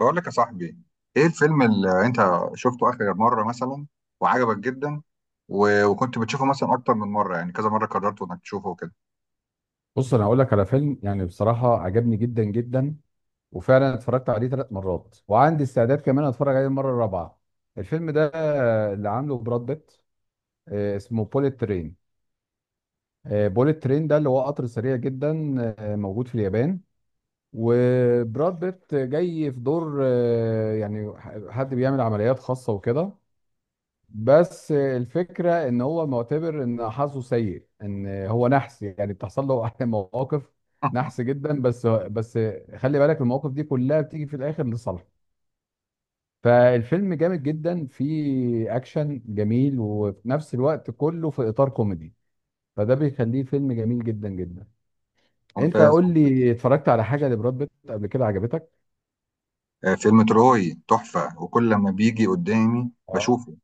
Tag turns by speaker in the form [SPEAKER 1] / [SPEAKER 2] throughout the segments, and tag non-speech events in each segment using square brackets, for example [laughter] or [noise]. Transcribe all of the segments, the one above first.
[SPEAKER 1] بقول لك يا صاحبي، ايه الفيلم اللي انت شفته اخر مرة مثلا وعجبك جدا، وكنت بتشوفه مثلا اكتر من مرة، يعني كذا مرة قررت انك تشوفه كده.
[SPEAKER 2] بص، انا هقول لك على فيلم يعني بصراحه عجبني جدا جدا. وفعلا اتفرجت عليه 3 مرات وعندي استعداد كمان اتفرج عليه المره الرابعه. الفيلم ده اللي عامله براد بيت، اسمه بوليت ترين. بوليت ترين ده اللي هو قطر سريع جدا، موجود في اليابان. وبراد بيت جاي في دور، يعني حد بيعمل عمليات خاصه وكده. بس الفكره ان هو معتبر ان حظه سيء، ان هو نحس، يعني بتحصل له [laughs] مواقف نحس
[SPEAKER 1] [laughs]
[SPEAKER 2] جدا. بس خلي بالك المواقف دي كلها بتيجي في الاخر لصالحه. فالفيلم جامد جدا، فيه اكشن جميل وفي نفس الوقت كله في اطار كوميدي. فده بيخليه فيلم جميل جدا جدا. انت
[SPEAKER 1] ممتاز.
[SPEAKER 2] قول لي، اتفرجت على حاجه لبراد بيت قبل كده عجبتك؟
[SPEAKER 1] فيلم تروي تحفة، وكل لما بيجي قدامي
[SPEAKER 2] اه،
[SPEAKER 1] بشوفه.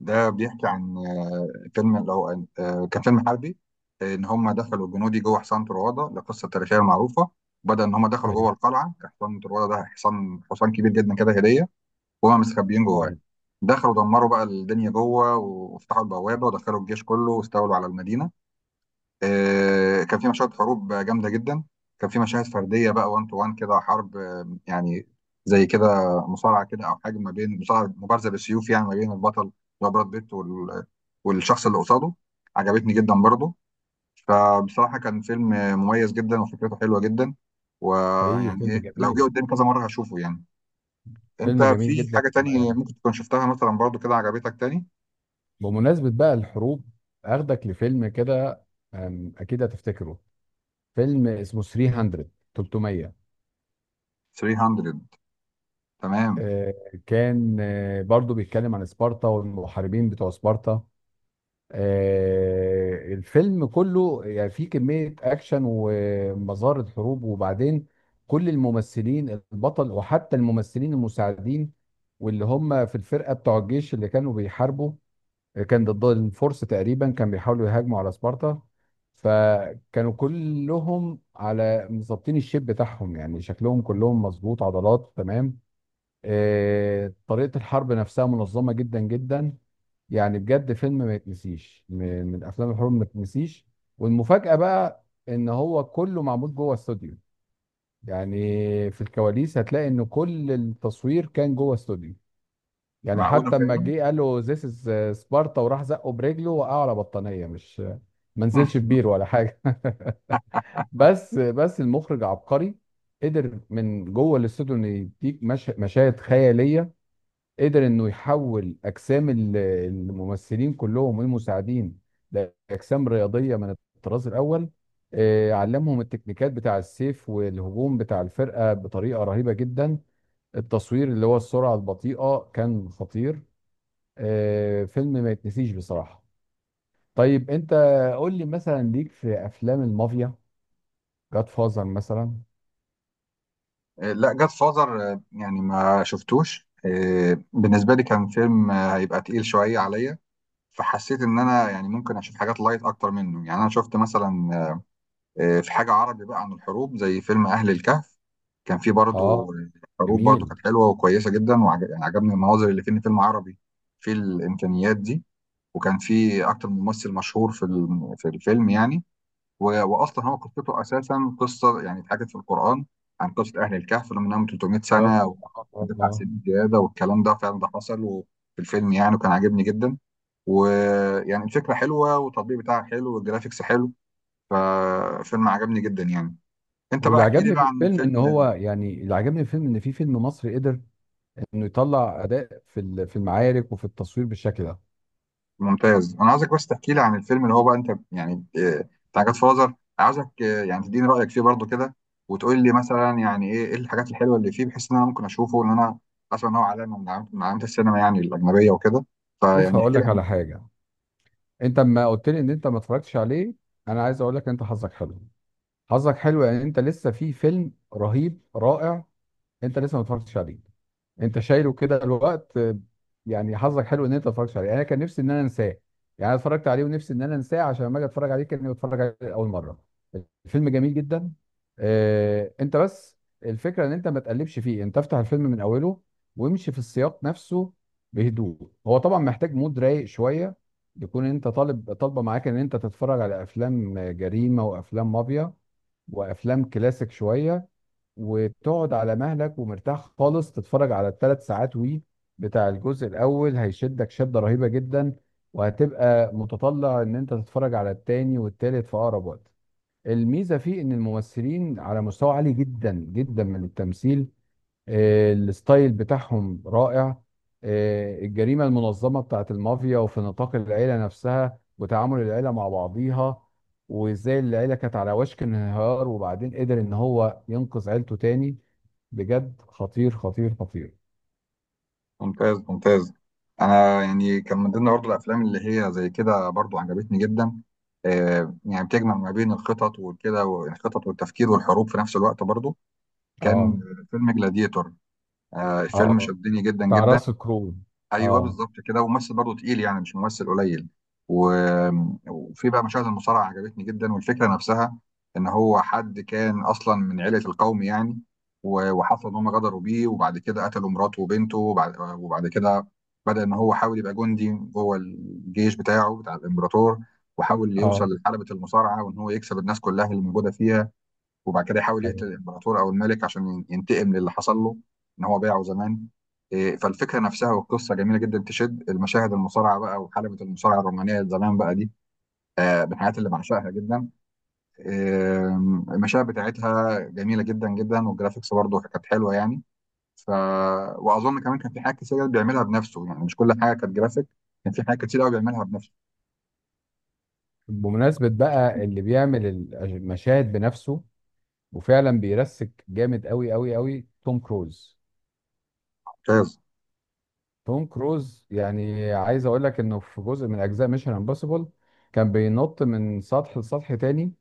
[SPEAKER 1] ده بيحكي عن آه، فيلم لو آه، كان فيلم حربي، ان هم دخلوا الجنودي جوه حصان طروادة، القصة التاريخية المعروفة. بدأ ان هم دخلوا
[SPEAKER 2] ايوه
[SPEAKER 1] جوه القلعة، كان حصان طروادة ده حصان كبير جدا كده هدية. وهم مستخبيين جواه،
[SPEAKER 2] فعلا.
[SPEAKER 1] دخلوا دمروا بقى الدنيا جوه، وفتحوا البوابه، ودخلوا الجيش كله، واستولوا على المدينه. كان في مشاهد حروب جامده جدا. كان في مشاهد فرديه بقى، وان تو وان كده حرب، يعني زي كده، مصارعه كده او حاجه ما بين مصارعه، مبارزه بالسيوف، يعني ما بين البطل اللي هو براد بيت والشخص اللي قصاده. عجبتني جدا برضه. فبصراحه كان فيلم مميز جدا وفكرته حلوه جدا،
[SPEAKER 2] حقيقي
[SPEAKER 1] ويعني
[SPEAKER 2] فيلم
[SPEAKER 1] ايه، لو جه
[SPEAKER 2] جميل.
[SPEAKER 1] قدامي كذا مره هشوفه يعني. انت
[SPEAKER 2] فيلم جميل
[SPEAKER 1] في
[SPEAKER 2] جدا.
[SPEAKER 1] حاجة تانية ممكن تكون شفتها مثلا برضو كده عجبتك تاني؟
[SPEAKER 2] بمناسبة بقى الحروب، هاخدك لفيلم كده، أكيد هتفتكره. فيلم اسمه 300. 300.
[SPEAKER 1] 300. تمام.
[SPEAKER 2] آه، كان، برضو بيتكلم عن سبارتا والمحاربين بتوع سبارتا. الفيلم كله يعني فيه كمية أكشن ومظاهر حروب. وبعدين كل الممثلين، البطل وحتى الممثلين المساعدين واللي هم في الفرقة بتوع الجيش اللي كانوا بيحاربوا، كان ضد الفرس تقريبا، كان بيحاولوا يهاجموا على سبارتا. فكانوا كلهم على مظبطين الشيب بتاعهم، يعني شكلهم كلهم مظبوط، عضلات تمام. طريقة الحرب نفسها منظمة جدا جدا. يعني بجد فيلم ما يتنسيش، من افلام الحروب ما يتنسيش. والمفاجأة بقى ان هو كله معمول جوه استوديو. يعني في الكواليس هتلاقي ان كل التصوير كان جوه استوديو. يعني
[SPEAKER 1] معقولة
[SPEAKER 2] حتى لما
[SPEAKER 1] فعلا.
[SPEAKER 2] جه قال له ذيس از سبارتا وراح زقه برجله، وقعه على بطانيه، مش ما نزلش في
[SPEAKER 1] [laughs]
[SPEAKER 2] بير ولا حاجه. [laughs] بس المخرج عبقري. قدر من جوه الاستوديو انه يديك مش... مشاهد خياليه. قدر انه يحول اجسام الممثلين كلهم والمساعدين لاجسام رياضيه من الطراز الاول. علمهم التكنيكات بتاع السيف والهجوم بتاع الفرقه بطريقه رهيبه جدا. التصوير اللي هو السرعه البطيئه كان خطير. فيلم ما يتنسيش بصراحة. طيب انت قول لي، مثلا ليك في افلام المافيا، جاد فازر مثلا؟
[SPEAKER 1] لا، جاد فازر يعني ما شفتوش. بالنسبة لي كان فيلم هيبقى تقيل شوية عليا، فحسيت ان انا يعني ممكن اشوف حاجات لايت اكتر منه. يعني انا شفت مثلا في حاجة عربي بقى عن الحروب، زي فيلم اهل الكهف. كان فيه برضو
[SPEAKER 2] اه،
[SPEAKER 1] حروب برضو،
[SPEAKER 2] جميل.
[SPEAKER 1] كانت حلوة وكويسة جدا، وعجبني المناظر اللي في، إن فيلم عربي في الامكانيات دي. وكان في اكتر من ممثل مشهور في في الفيلم يعني. واصلا هو قصته اساسا قصه يعني اتحكت في القران، عن قصه اهل الكهف اللي منهم 300
[SPEAKER 2] بالظبط اه،
[SPEAKER 1] سنه ودفع سنين زياده، والكلام ده فعلا ده حصل وفي الفيلم يعني، وكان عاجبني جدا. ويعني الفكره حلوه والتطبيق بتاعها حلو والجرافيكس حلو، ففيلم عجبني جدا يعني. انت بقى
[SPEAKER 2] واللي
[SPEAKER 1] احكي لي
[SPEAKER 2] عجبني في
[SPEAKER 1] بقى عن
[SPEAKER 2] الفيلم ان
[SPEAKER 1] فيلم.
[SPEAKER 2] هو يعني، اللي عجبني في الفيلم ان في فيلم مصري قدر انه يطلع اداء في في المعارك وفي التصوير بالشكل ده.
[SPEAKER 1] ممتاز انا عايزك بس تحكي لي عن الفيلم اللي هو بقى انت يعني آه، بتاع جاد فازر عايزك آه، يعني تديني رايك فيه برضو كده وتقول لي مثلا يعني ايه إيه الحاجات الحلوه اللي فيه بحيث ان انا ممكن اشوفه ان انا اسمع ان هو علامه من علامات من علامات السينما يعني الاجنبيه وكده
[SPEAKER 2] شوف،
[SPEAKER 1] فيعني
[SPEAKER 2] هقول
[SPEAKER 1] احكي لي
[SPEAKER 2] لك على
[SPEAKER 1] عنه.
[SPEAKER 2] حاجة. انت اما قلت لي ان انت ما اتفرجتش عليه، انا عايز اقول لك انت حظك حلو. حظك حلو يعني انت لسه في فيلم رهيب رائع. انت لسه ما اتفرجتش عليه. انت شايله كده الوقت، يعني حظك حلو ان انت ما اتفرجتش عليه. يعني انا كان نفسي ان انا انساه. يعني انا اتفرجت عليه ونفسي ان انا انساه عشان لما اجي اتفرج عليه كاني بتفرج عليه لاول مره. الفيلم جميل جدا. انت بس الفكره ان انت ما تقلبش فيه. انت افتح الفيلم من اوله وامشي في السياق نفسه بهدوء. هو طبعا محتاج مود رايق شويه، يكون انت طالب طالبه معاك ان انت تتفرج على افلام جريمه وافلام مافيا وافلام كلاسيك شويه، وتقعد على مهلك ومرتاح خالص تتفرج على الـ3 ساعات. وي بتاع الجزء الاول هيشدك شدة رهيبة جدا، وهتبقى متطلع ان انت تتفرج على التاني والتالت في اقرب وقت. الميزة فيه ان الممثلين على مستوى عالي جدا جدا من التمثيل. الستايل بتاعهم رائع. الجريمة المنظمة بتاعت المافيا وفي نطاق العيلة نفسها وتعامل العيلة مع بعضيها، وازاي العيلة كانت على وشك الانهيار وبعدين قدر ان هو ينقذ عيلته تاني. بجد خطير خطير خطير.
[SPEAKER 1] ممتاز ممتاز. انا يعني كان من ضمن برضو الافلام اللي هي زي كده برضو عجبتني جدا، يعني بتجمع ما بين الخطط وكده، والخطط والتفكير والحروب في نفس الوقت برضو، كان
[SPEAKER 2] اه.
[SPEAKER 1] فيلم جلاديتور. الفيلم
[SPEAKER 2] اه،
[SPEAKER 1] شدني جدا
[SPEAKER 2] بتاع
[SPEAKER 1] جدا.
[SPEAKER 2] راس كرول.
[SPEAKER 1] ايوه
[SPEAKER 2] اه.
[SPEAKER 1] بالظبط كده، وممثل برضه تقيل يعني، مش ممثل قليل. و- وفي بقى مشاهد المصارعه عجبتني جدا، والفكره نفسها ان هو حد كان اصلا من عيله القوم يعني. وحصل ان هم غدروا بيه، وبعد كده قتلوا مراته وبنته، وبعد كده بدا ان هو حاول يبقى جندي جوه الجيش بتاعه بتاع الامبراطور، وحاول يوصل
[SPEAKER 2] اه،
[SPEAKER 1] لحلبة المصارعة، وان هو يكسب الناس كلها اللي موجودة فيها، وبعد كده يحاول يقتل
[SPEAKER 2] ايوه.
[SPEAKER 1] الامبراطور او الملك عشان ينتقم للي حصل له ان هو باعه زمان. إيه، فالفكره نفسها والقصه جميله جدا، تشد المشاهد. المصارعه بقى وحلبه المصارعه الرومانيه زمان بقى دي من الحاجات اللي بعشقها جدا. آه، المشاهد بتاعتها جميله جدا جدا، والجرافيكس برضه كانت حلوه يعني. ف واظن كمان كان في حاجات كتير بيعملها بنفسه، يعني مش كل حاجه كانت جرافيك، كان في حاجات كتير قوي بيعملها بنفسه.
[SPEAKER 2] بمناسبة بقى اللي بيعمل المشاهد بنفسه، وفعلا بيرسك جامد قوي قوي قوي، توم كروز.
[SPEAKER 1] ممتاز.
[SPEAKER 2] توم كروز يعني عايز اقول لك انه في جزء من اجزاء ميشن امبوسيبل كان بينط من سطح لسطح تاني،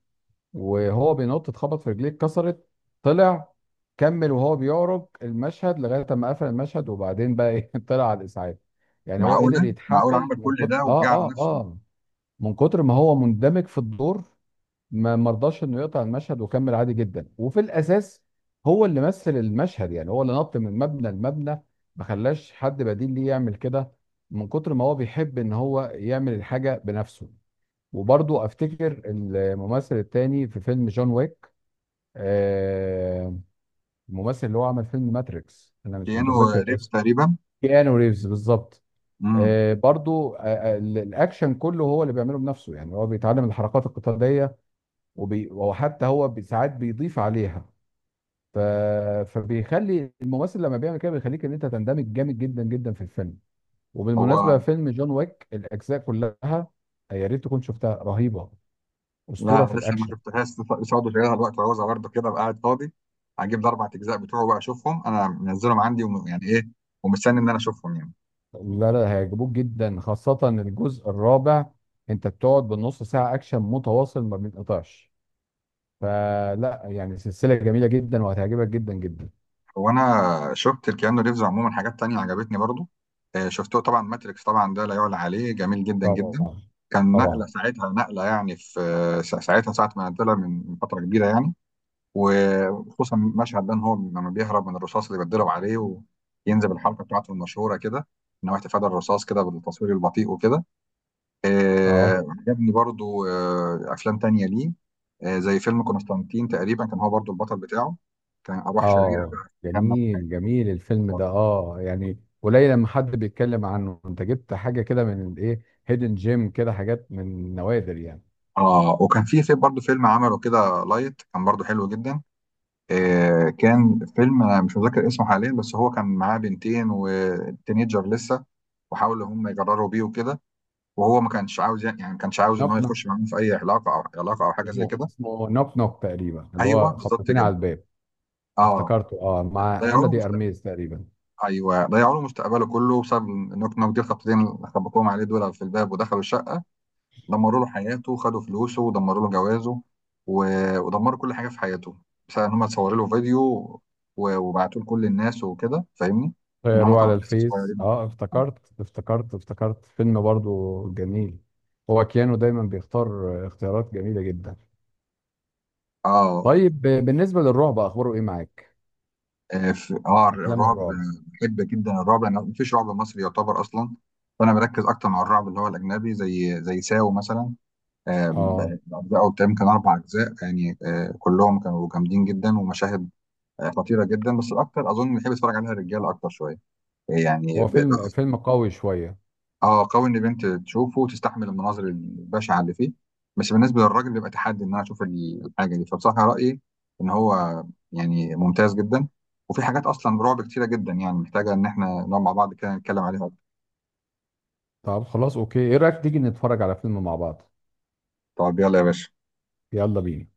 [SPEAKER 2] وهو بينط اتخبط، في رجليه اتكسرت، طلع كمل وهو بيعرج المشهد لغايه ما قفل المشهد، وبعدين بقى ايه، [laughs] طلع على الاسعاف. يعني هو
[SPEAKER 1] معقوله
[SPEAKER 2] قدر
[SPEAKER 1] معقوله،
[SPEAKER 2] يتحمل
[SPEAKER 1] عمل
[SPEAKER 2] من
[SPEAKER 1] كل
[SPEAKER 2] كتر
[SPEAKER 1] ده وجعل نفسه
[SPEAKER 2] من كتر ما هو مندمج في الدور، ما مرضاش انه يقطع المشهد وكمل عادي جدا. وفي الاساس هو اللي مثل المشهد، يعني هو اللي نط من مبنى لمبنى، ما خلاش حد بديل ليه يعمل كده، من كتر ما هو بيحب ان هو يعمل الحاجه بنفسه. وبرضه افتكر الممثل التاني في فيلم جون ويك. آه الممثل اللي هو عمل فيلم ماتريكس، انا مش متذكر
[SPEAKER 1] كأنه ريبس
[SPEAKER 2] الاسم.
[SPEAKER 1] تقريبا.
[SPEAKER 2] كيانو ريفز بالظبط.
[SPEAKER 1] امم.
[SPEAKER 2] آه برضه آه آه، الاكشن كله هو اللي بيعمله بنفسه. يعني هو بيتعلم الحركات القتاليه وحتى هو ساعات بيضيف عليها. ف... فبيخلي الممثل لما بيعمل كده بيخليك ان انت تندمج جامد جدا جدا في الفيلم.
[SPEAKER 1] هو،
[SPEAKER 2] وبالمناسبه فيلم جون ويك الاجزاء كلها، يا ريت تكون شفتها، رهيبه، اسطوره
[SPEAKER 1] لا
[SPEAKER 2] في
[SPEAKER 1] لسه ما
[SPEAKER 2] الاكشن.
[SPEAKER 1] شفتهاش لسه برضه، شغالها دلوقتي وعاوزها برضه كده أبقى قاعد فاضي هجيب الاربع اجزاء بتوعه بقى اشوفهم، انا منزلهم عندي، يعني ايه، ومستني ان انا اشوفهم يعني.
[SPEAKER 2] لا، لا هيعجبوك جدا، خاصه الجزء الرابع. انت بتقعد بالنص ساعه اكشن متواصل ما بينقطعش. فلا يعني سلسله جميله جدا وهتعجبك جدا جدا.
[SPEAKER 1] هو انا شفت الكيانو ريفز عموما حاجات تانية عجبتني برضه. شفته طبعا ماتريكس، طبعا ده لا يعلى عليه جميل جدا جدا.
[SPEAKER 2] طبعا.
[SPEAKER 1] كان نقله
[SPEAKER 2] طبعا.
[SPEAKER 1] ساعتها نقله، يعني في ساعتها، ساعه ما نزلها، من فتره كبيره يعني. وخصوصا مشهد ده، ان هو لما بيهرب من الرصاص اللي بيتضرب عليه، وينزل الحركه بتاعته المشهوره كده، ان هو احتفال الرصاص كده بالتصوير البطيء وكده.
[SPEAKER 2] اه.
[SPEAKER 1] عجبني برضو افلام تانية ليه، زي فيلم قسطنطين تقريبا، كان هو برضو البطل بتاعه، كان ارواح شريره
[SPEAKER 2] اه،
[SPEAKER 1] بقى خامه في
[SPEAKER 2] جميل
[SPEAKER 1] حياته.
[SPEAKER 2] جميل. الفيلم ده اه يعني قليل لما حد بيتكلم عنه. انت جبت حاجه كده من الايه، هيدن جيم كده، حاجات من نوادر يعني.
[SPEAKER 1] اه. وكان في برضو فيلم عمله كده لايت، كان برضو حلو جدا. كان فيلم انا مش متذكر اسمه حاليا، بس هو كان معاه بنتين وتينيجر لسه، وحاولوا هم يجرروا بيه وكده، وهو ما كانش عاوز يعني، ما كانش عاوز ان هو
[SPEAKER 2] نوك نوك.
[SPEAKER 1] يخش معاهم في اي علاقه، او او حاجه زي
[SPEAKER 2] اسمه
[SPEAKER 1] كده.
[SPEAKER 2] اسمه نوك نوك تقريبا، اللي
[SPEAKER 1] ايوه
[SPEAKER 2] هو
[SPEAKER 1] بالظبط
[SPEAKER 2] خبطتين على
[SPEAKER 1] كده.
[SPEAKER 2] الباب.
[SPEAKER 1] اه.
[SPEAKER 2] افتكرته، اه، مع انا
[SPEAKER 1] ضيعوا
[SPEAKER 2] دي
[SPEAKER 1] له.
[SPEAKER 2] ارميز تقريبا.
[SPEAKER 1] ايوه ضيعوا له مستقبله كله بسبب النوك نوك دي، الخبطتين اللي خبطوهم عليه دول في الباب، ودخلوا الشقه، دمروا له حياته، خدوا فلوسه، ودمروا له جوازه، ودمروا كل حاجه في حياته، بسبب ان هم اتصوروا له فيديو وبعتوه لكل الناس وكده، فاهمني، ان هم
[SPEAKER 2] طيروا
[SPEAKER 1] طبعا
[SPEAKER 2] على
[SPEAKER 1] لسه
[SPEAKER 2] الفيس.
[SPEAKER 1] صغيرين وكده.
[SPEAKER 2] اه، افتكرت فيلم برضو جميل. هو كيانو دايما بيختار اختيارات جميله جدا.
[SPEAKER 1] اه.
[SPEAKER 2] طيب بالنسبه للرعب، اخباره ايه معاك؟
[SPEAKER 1] اه
[SPEAKER 2] افلام
[SPEAKER 1] الرعب.
[SPEAKER 2] الرعب؟
[SPEAKER 1] بحب جدا الرعب، لان مفيش رعب مصري يعتبر اصلا، فانا بركز اكتر مع الرعب اللي هو الاجنبي، زي ساو مثلا. آم،
[SPEAKER 2] اه.
[SPEAKER 1] أجزاء قدام كان أربع أجزاء يعني، كلهم كانوا جامدين جدا، ومشاهد خطيرة جدا، بس الأكتر أظن بيحب يتفرج عليها الرجالة أكتر شوية يعني
[SPEAKER 2] هو فيلم فيلم قوي شوية.
[SPEAKER 1] آه قوي، إن بنت تشوفه وتستحمل المناظر البشعة اللي فيه، بس بالنسبة للراجل بيبقى تحدي إن أنا أشوف الحاجة دي. فبصراحة رأيي إن هو يعني ممتاز جدا، وفي حاجات أصلا رعب كتيرة جدا، يعني محتاجة إن إحنا نقعد مع بعض كده نتكلم عليها أكتر.
[SPEAKER 2] طب خلاص، اوكي، ايه رأيك تيجي نتفرج على فيلم مع بعض؟
[SPEAKER 1] طب يلا يا باشا.
[SPEAKER 2] يلا بينا.